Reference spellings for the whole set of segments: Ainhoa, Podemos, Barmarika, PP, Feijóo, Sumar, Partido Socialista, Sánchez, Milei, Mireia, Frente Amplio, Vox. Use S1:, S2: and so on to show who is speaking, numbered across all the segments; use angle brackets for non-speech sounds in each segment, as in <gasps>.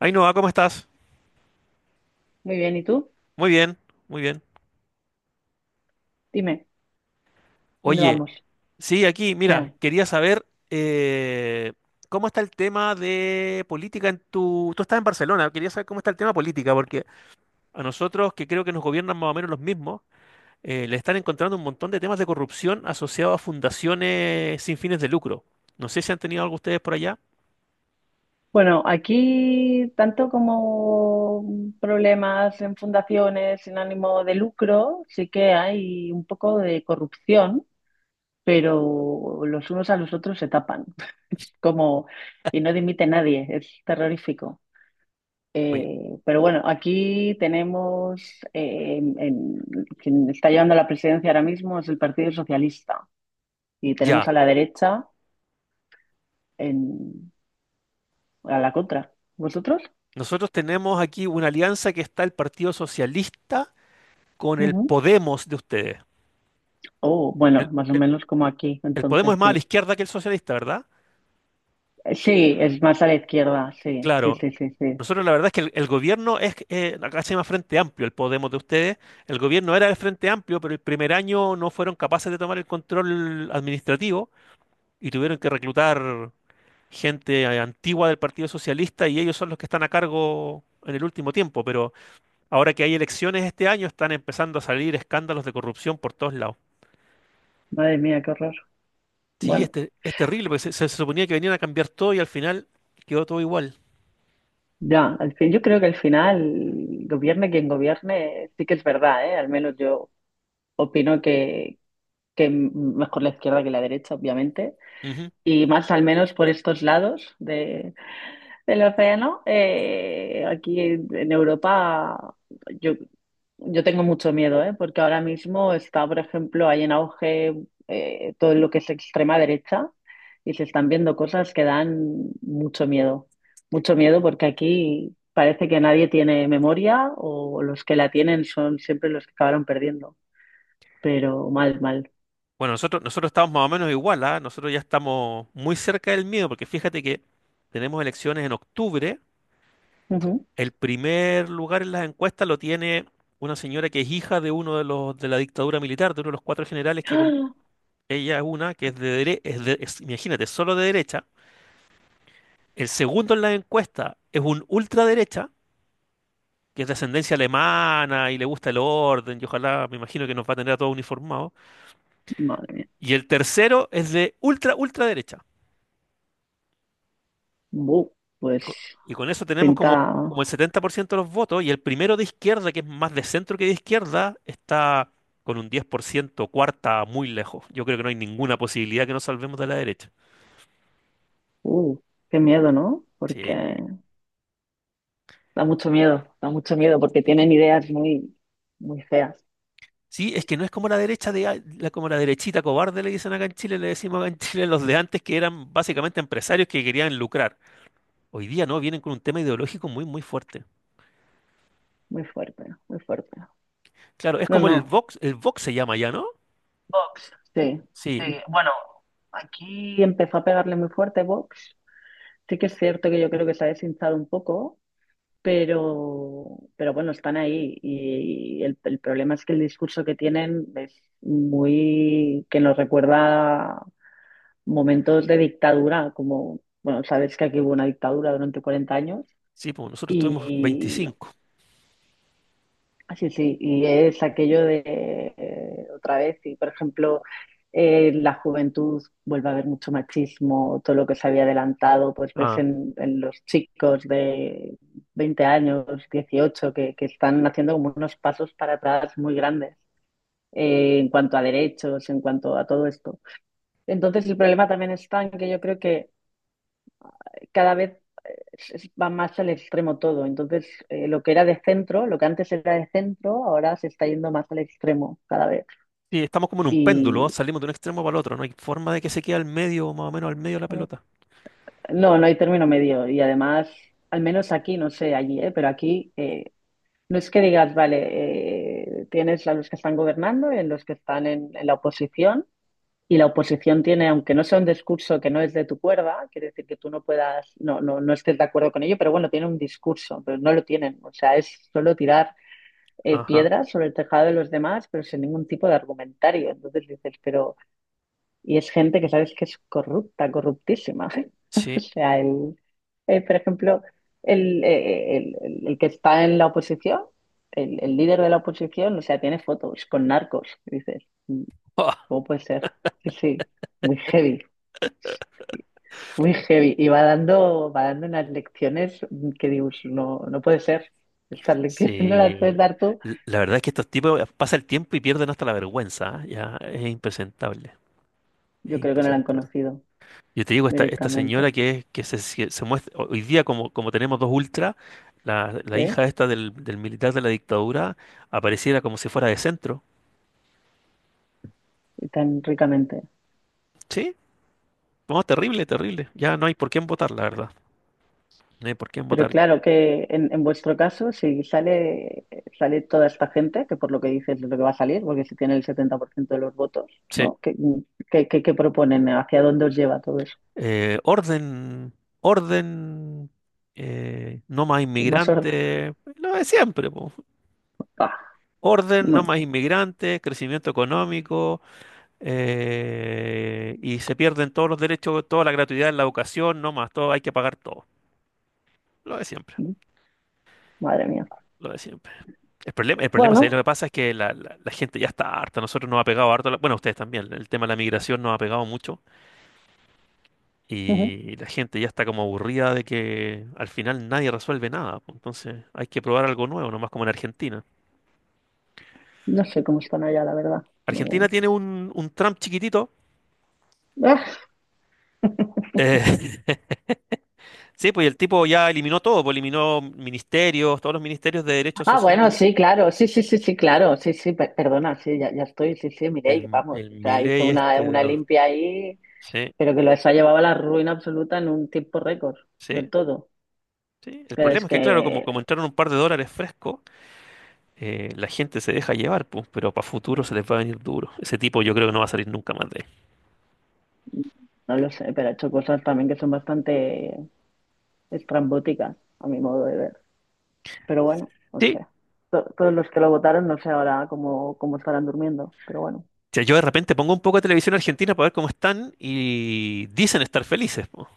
S1: Ainhoa, ¿cómo estás?
S2: Muy bien, ¿y tú?
S1: Muy bien, muy bien.
S2: Dime, ¿dónde
S1: Oye,
S2: vamos?
S1: sí, aquí,
S2: ¿Qué
S1: mira,
S2: hay?
S1: quería saber cómo está el tema de política en Tú estás en Barcelona, quería saber cómo está el tema política, porque a nosotros, que creo que nos gobiernan más o menos los mismos, le están encontrando un montón de temas de corrupción asociados a fundaciones sin fines de lucro. No sé si han tenido algo ustedes por allá.
S2: Bueno, aquí tanto como problemas en fundaciones sin ánimo de lucro, sí que hay un poco de corrupción, pero los unos a los otros se tapan. <laughs> Como, y no dimite nadie, es terrorífico.
S1: Oye,
S2: Pero bueno, aquí tenemos, eh, en- en- quien está llevando la presidencia ahora mismo es el Partido Socialista y tenemos
S1: ya.
S2: a la derecha. En a la contra. ¿Vosotros?
S1: Nosotros tenemos aquí una alianza que está el Partido Socialista con el
S2: Ujú.
S1: Podemos de ustedes.
S2: Oh,
S1: El,
S2: bueno, más o
S1: el-
S2: menos como aquí,
S1: El Podemos
S2: entonces
S1: es más a la
S2: sí.
S1: izquierda que el socialista, ¿verdad?
S2: Sí, es más a la izquierda, sí, sí,
S1: Claro.
S2: sí, sí, sí.
S1: Nosotros la verdad es que el gobierno es, acá se llama Frente Amplio, el Podemos de ustedes. El gobierno era el Frente Amplio, pero el primer año no fueron capaces de tomar el control administrativo y tuvieron que reclutar gente antigua del Partido Socialista, y ellos son los que están a cargo en el último tiempo. Pero ahora que hay elecciones este año, están empezando a salir escándalos de corrupción por todos lados.
S2: Madre mía, qué horror.
S1: Sí,
S2: Bueno,
S1: es terrible, porque se suponía que venían a cambiar todo y al final quedó todo igual.
S2: ya, al fin, yo creo que al final, gobierne quien gobierne, sí que es verdad, ¿eh? Al menos yo opino que mejor la izquierda que la derecha, obviamente.
S1: Ujú.
S2: Y más al menos por estos lados de, el océano, aquí en Europa, yo, yo tengo mucho miedo, ¿eh? Porque ahora mismo está, por ejemplo, hay en auge todo lo que es extrema derecha y se están viendo cosas que dan mucho miedo. Mucho miedo porque aquí parece que nadie tiene memoria o los que la tienen son siempre los que acabaron perdiendo, pero mal, mal.
S1: Bueno, nosotros estamos más o menos igual, ¿ah? Nosotros ya estamos muy cerca del miedo, porque fíjate que tenemos elecciones en octubre.
S2: Ujú.
S1: El primer lugar en las encuestas lo tiene una señora que es hija de uno de los de la dictadura militar, de uno de los cuatro generales
S2: <gasps> ¡Ah!
S1: ella es una que es de, dere- es de- es- imagínate, solo de derecha. El segundo en las encuestas es un ultraderecha, que es de ascendencia alemana y le gusta el orden, y ojalá, me imagino que nos va a tener a todos uniformados.
S2: Madre mía.
S1: Y el tercero es de ultra ultraderecha.
S2: Bu, pues
S1: co- Y con eso tenemos como,
S2: pinta.
S1: como el 70% de los votos, y el primero de izquierda, que es más de centro que de izquierda, está con un 10% cuarta muy lejos. Yo creo que no hay ninguna posibilidad que nos salvemos de la derecha.
S2: Uh, qué miedo, ¿no? Porque
S1: Sí.
S2: da mucho miedo porque tienen ideas muy, muy feas,
S1: Sí, es que no es como la derecha como la derechita cobarde, le dicen acá en Chile, le decimos acá en Chile los de antes que eran básicamente empresarios que querían lucrar. Hoy día no, vienen con un tema ideológico muy, muy fuerte.
S2: muy fuertes, muy fuertes.
S1: Claro, es
S2: No,
S1: como
S2: no,
S1: El Vox se llama ya, ¿no?
S2: Vox, sí,
S1: Sí,
S2: sí. Bueno, aquí empezó a pegarle muy fuerte Vox. Sí que es cierto que yo creo que se ha deshinchado un poco, pero bueno, están ahí y el problema es que el discurso que tienen es muy, que nos recuerda momentos de dictadura, como, bueno, sabes que aquí hubo una dictadura durante 40 años
S1: sí, pues nosotros tuvimos
S2: y
S1: 25.
S2: así, sí, sí, y es aquello de otra vez, y por ejemplo, la juventud vuelve a haber mucho machismo, todo lo que se había adelantado, pues ves en los chicos de 20 años, 18 que están haciendo como unos pasos para atrás muy grandes. En cuanto a derechos, en cuanto a todo esto. Entonces, el problema también está en que yo creo que cada vez va más al extremo todo. Entonces, lo que era de centro, lo que antes era de centro, ahora se está yendo más al extremo cada vez.
S1: Sí, estamos como en un péndulo,
S2: Y
S1: salimos de un extremo para el otro, no hay forma de que se quede al medio, más o menos al medio de la pelota.
S2: no, no hay término medio. Y además, al menos aquí, no sé allí, ¿eh? Pero aquí no es que digas, vale, tienes a los que están gobernando y a los que están en la oposición. Y la oposición tiene, aunque no sea un discurso que no es de tu cuerda, quiere decir que tú no puedas, no, no, no estés de acuerdo con ello, pero bueno, tiene un discurso, pero no lo tienen. O sea, es solo tirar
S1: Ajá,
S2: piedras sobre el tejado de los demás, pero sin ningún tipo de argumentario. Entonces dices, pero, y es gente que sabes que es corrupta, corruptísima. <laughs> O
S1: sí. <laughs>
S2: sea, por ejemplo, el que está en la oposición, el líder de la oposición, o sea, tiene fotos con narcos. Y dices, "Mm,
S1: Ah,
S2: ¿cómo puede ser? Sí, sí, muy heavy. Muy heavy. Y va dando unas lecciones que digo, "Pues no, no puede ser. Estas lecciones <laughs> no las
S1: sí,
S2: puedes dar tú.
S1: la verdad es que estos tipos pasa el tiempo y pierden hasta la vergüenza, ¿ah? Ya es impresentable, es
S2: Yo creo que no la han
S1: impresentable.
S2: conocido.
S1: Yo te digo, esta señora
S2: Directamente,
S1: que se muestra hoy día, como tenemos dos ultras, la
S2: ¿sí?
S1: hija esta del militar de la dictadura apareciera como si fuera de centro.
S2: Y tan ricamente.
S1: Sí, no, terrible, terrible. Ya no hay por quién votar, la verdad. No hay por quién
S2: Pero
S1: votar.
S2: claro que en vuestro caso, si sale, sale toda esta gente, que por lo que dices es lo que va a salir, porque si tiene el 70% de los votos,
S1: Sí.
S2: ¿no? ¿ qué proponen? ¿Hacia dónde os lleva todo eso?
S1: Orden, orden, no más
S2: Más orden.
S1: inmigrantes, lo de siempre, po.
S2: Pah,
S1: Orden, no
S2: bueno,
S1: más inmigrantes, crecimiento económico, y se pierden todos los derechos, toda la gratuidad en la educación, no más, todo, hay que pagar todo, lo de siempre.
S2: madre mía.
S1: Lo de siempre. El problema, ¿sabes? Lo
S2: Bueno,
S1: que pasa es que la gente ya está harta. Nosotros nos ha pegado harto. Bueno, ustedes también. El tema de la migración nos ha pegado mucho.
S2: ujú,
S1: Y la gente ya está como aburrida de que al final nadie resuelve nada. Pues, entonces hay que probar algo nuevo, nomás como en Argentina.
S2: no sé cómo están allá, la verdad.
S1: Argentina
S2: No-
S1: tiene un Trump chiquitito.
S2: <laughs>
S1: eh, <laughs> sí, pues y el tipo ya eliminó todo, pues eliminó ministerios, todos los ministerios de
S2: Ah,
S1: derechos
S2: ah,
S1: sociales.
S2: bueno, sí, claro, sí, sí, sí, sí, claro, sí, sí, perdona, sí, ya, ya estoy, sí, sí, Mireia,
S1: El,
S2: vamos, o
S1: el
S2: sea, hizo
S1: Milei este de
S2: una
S1: los.
S2: limpia ahí.
S1: Sí,
S2: Pero que lo ha llevado a la ruina absoluta en un tiempo récord del
S1: sí,
S2: todo.
S1: sí. El
S2: Pero es
S1: problema es que, claro, como,
S2: que
S1: como entraron un par de dólares frescos, la gente se deja llevar, pues, pero para futuro se les va a venir duro. Ese tipo yo creo que no va a salir nunca más de ahí.
S2: no lo sé, pero ha hecho cosas también que son bastante estrambóticas, a mi modo de ver. Pero bueno, o
S1: Sí,
S2: sea, todos los que lo votaron no sé ahora cómo, cómo estarán durmiendo, pero bueno.
S1: sea, yo de repente pongo un poco de televisión argentina para ver cómo están y dicen estar felices, po.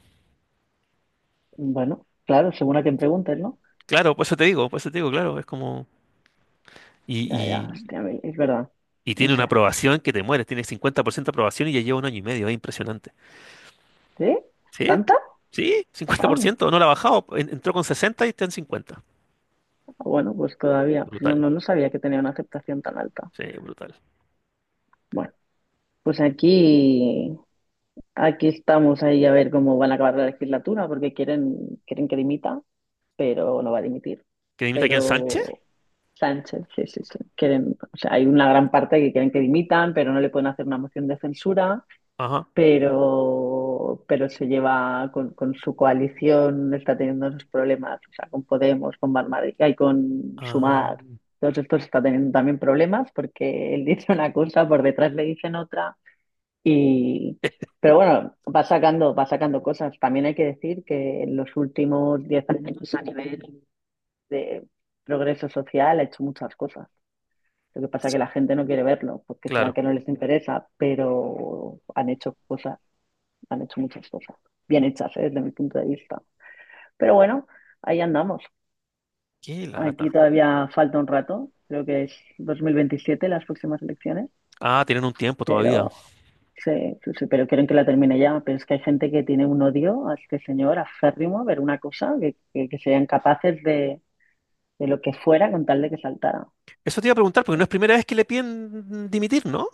S2: Bueno, claro, según a quien preguntes, ¿no?
S1: Claro, por eso te digo, por eso te digo, claro, es como. Y,
S2: Ya, ya,
S1: y-
S2: hostia, es verdad.
S1: y
S2: No
S1: tiene una
S2: sé.
S1: aprobación que te mueres, tiene 50% de aprobación y ya lleva un año y medio, es impresionante.
S2: ¿Sí?
S1: ¿Sí?
S2: ¿Tanta?
S1: ¿Sí?
S2: Ah,
S1: 50%, no la ha bajado, entró con 60 y está en 50.
S2: bueno, pues todavía. Pues no,
S1: Brutal,
S2: no, no sabía que tenía una aceptación tan alta.
S1: sí, brutal.
S2: Bueno, pues aquí. Aquí estamos ahí a ver cómo van a acabar la legislatura, porque quieren, quieren que dimita, pero no va a dimitir.
S1: ¿Que dimita aquí en
S2: Pero
S1: Sánchez?
S2: Sánchez, sí, sí, sí. Quieren, o sea, hay una gran parte que quieren que dimitan, pero no le pueden hacer una moción de censura,
S1: Ajá.
S2: pero se lleva con su coalición, está teniendo esos problemas, o sea, con Podemos, con Barmarika y con
S1: Ah,
S2: Sumar. Todos estos está teniendo también problemas porque él <laughs> dice una cosa, por detrás le dicen otra y,
S1: eh,
S2: pero bueno, va sacando cosas. También hay que decir que en los últimos 10 años a nivel de progreso social ha hecho muchas cosas. Lo que pasa es que la gente no quiere verlo, porque será
S1: claro.
S2: que no les interesa, pero han hecho cosas, han hecho muchas cosas, bien hechas, ¿eh? Desde mi punto de vista. Pero bueno, ahí andamos.
S1: Qué
S2: Aquí
S1: lata.
S2: todavía falta un rato, creo que es 2027 las próximas elecciones.
S1: Ah, tienen un tiempo todavía.
S2: Pero sí, sí, sí, pero quieren que la termine ya. Pero es que hay gente que tiene un odio a este señor aférrimo a ver una cosa, que serían capaces de lo que fuera con tal de que saltara.
S1: Eso te iba a preguntar, porque no
S2: Eh,
S1: es primera vez que le piden dimitir, ¿no?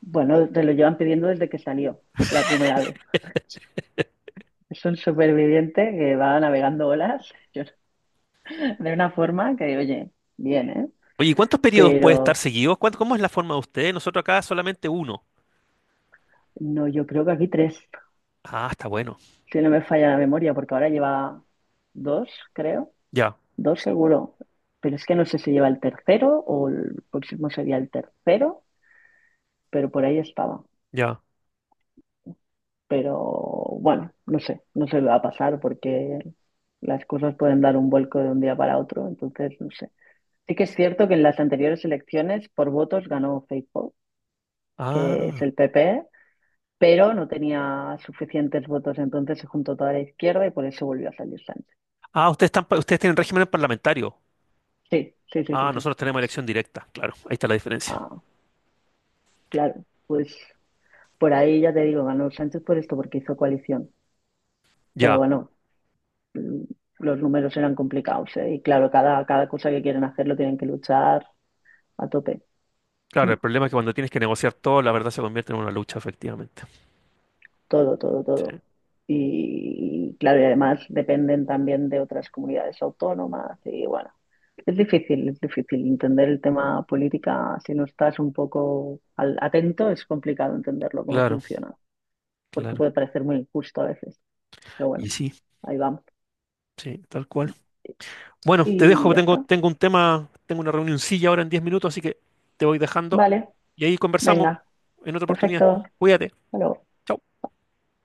S2: Bueno, te lo llevan pidiendo desde que salió la primera vez. Es un superviviente que va navegando olas <laughs> yo- de una forma que, oye, bien, ¿eh?
S1: Oye, ¿y cuántos periodos puede
S2: Pero
S1: estar seguidos? ¿Cómo es la forma de ustedes? Nosotros acá solamente uno.
S2: no, yo creo que aquí tres,
S1: Ah, está bueno.
S2: si no me falla la memoria, porque ahora lleva dos, creo.
S1: Ya,
S2: Dos seguro, pero es que no sé si lleva el tercero o el próximo sería el tercero, pero por ahí estaba.
S1: ya.
S2: Pero bueno, no sé, no se va a pasar porque las cosas pueden dar un vuelco de un día para otro, entonces no sé. Sí que es cierto que en las anteriores elecciones por votos ganó Feijóo, que es
S1: Ah,
S2: el PP, pero no tenía suficientes votos, entonces se juntó toda la izquierda y por eso volvió a salir Sánchez.
S1: ah, ustedes están, ustedes tienen régimen parlamentario.
S2: Sí, sí, sí, sí,
S1: Ah,
S2: sí.
S1: nosotros tenemos elección directa. Claro, ahí está la diferencia.
S2: Ah, claro, pues por ahí ya te digo, ganó Sánchez por esto, porque hizo coalición. Pero
S1: Ya,
S2: bueno, mm, los números eran complicados, ¿eh? Y claro, cada, cada cosa que quieren hacer lo tienen que luchar a tope.
S1: claro,
S2: Mm,
S1: el problema es que cuando tienes que negociar todo, la verdad se convierte en una lucha, efectivamente.
S2: Todo, todo,
S1: Sí,
S2: todo. Y claro, y además dependen también de otras comunidades autónomas. Y bueno, es difícil entender el tema política. Si no estás un poco atento, es complicado entenderlo, cómo
S1: claro,
S2: funciona, porque
S1: claro.
S2: puede parecer muy injusto a veces. Pero
S1: Y
S2: bueno,
S1: sí,
S2: ahí vamos.
S1: sí, tal cual. Bueno, te
S2: Y
S1: dejo,
S2: ya
S1: tengo,
S2: está.
S1: tengo un tema, tengo una reunioncilla ahora en 10 minutos, así que te voy dejando
S2: Vale,
S1: y ahí conversamos
S2: venga.
S1: en otra oportunidad.
S2: Perfecto.
S1: Cuídate.
S2: Hasta luego.
S1: Chao.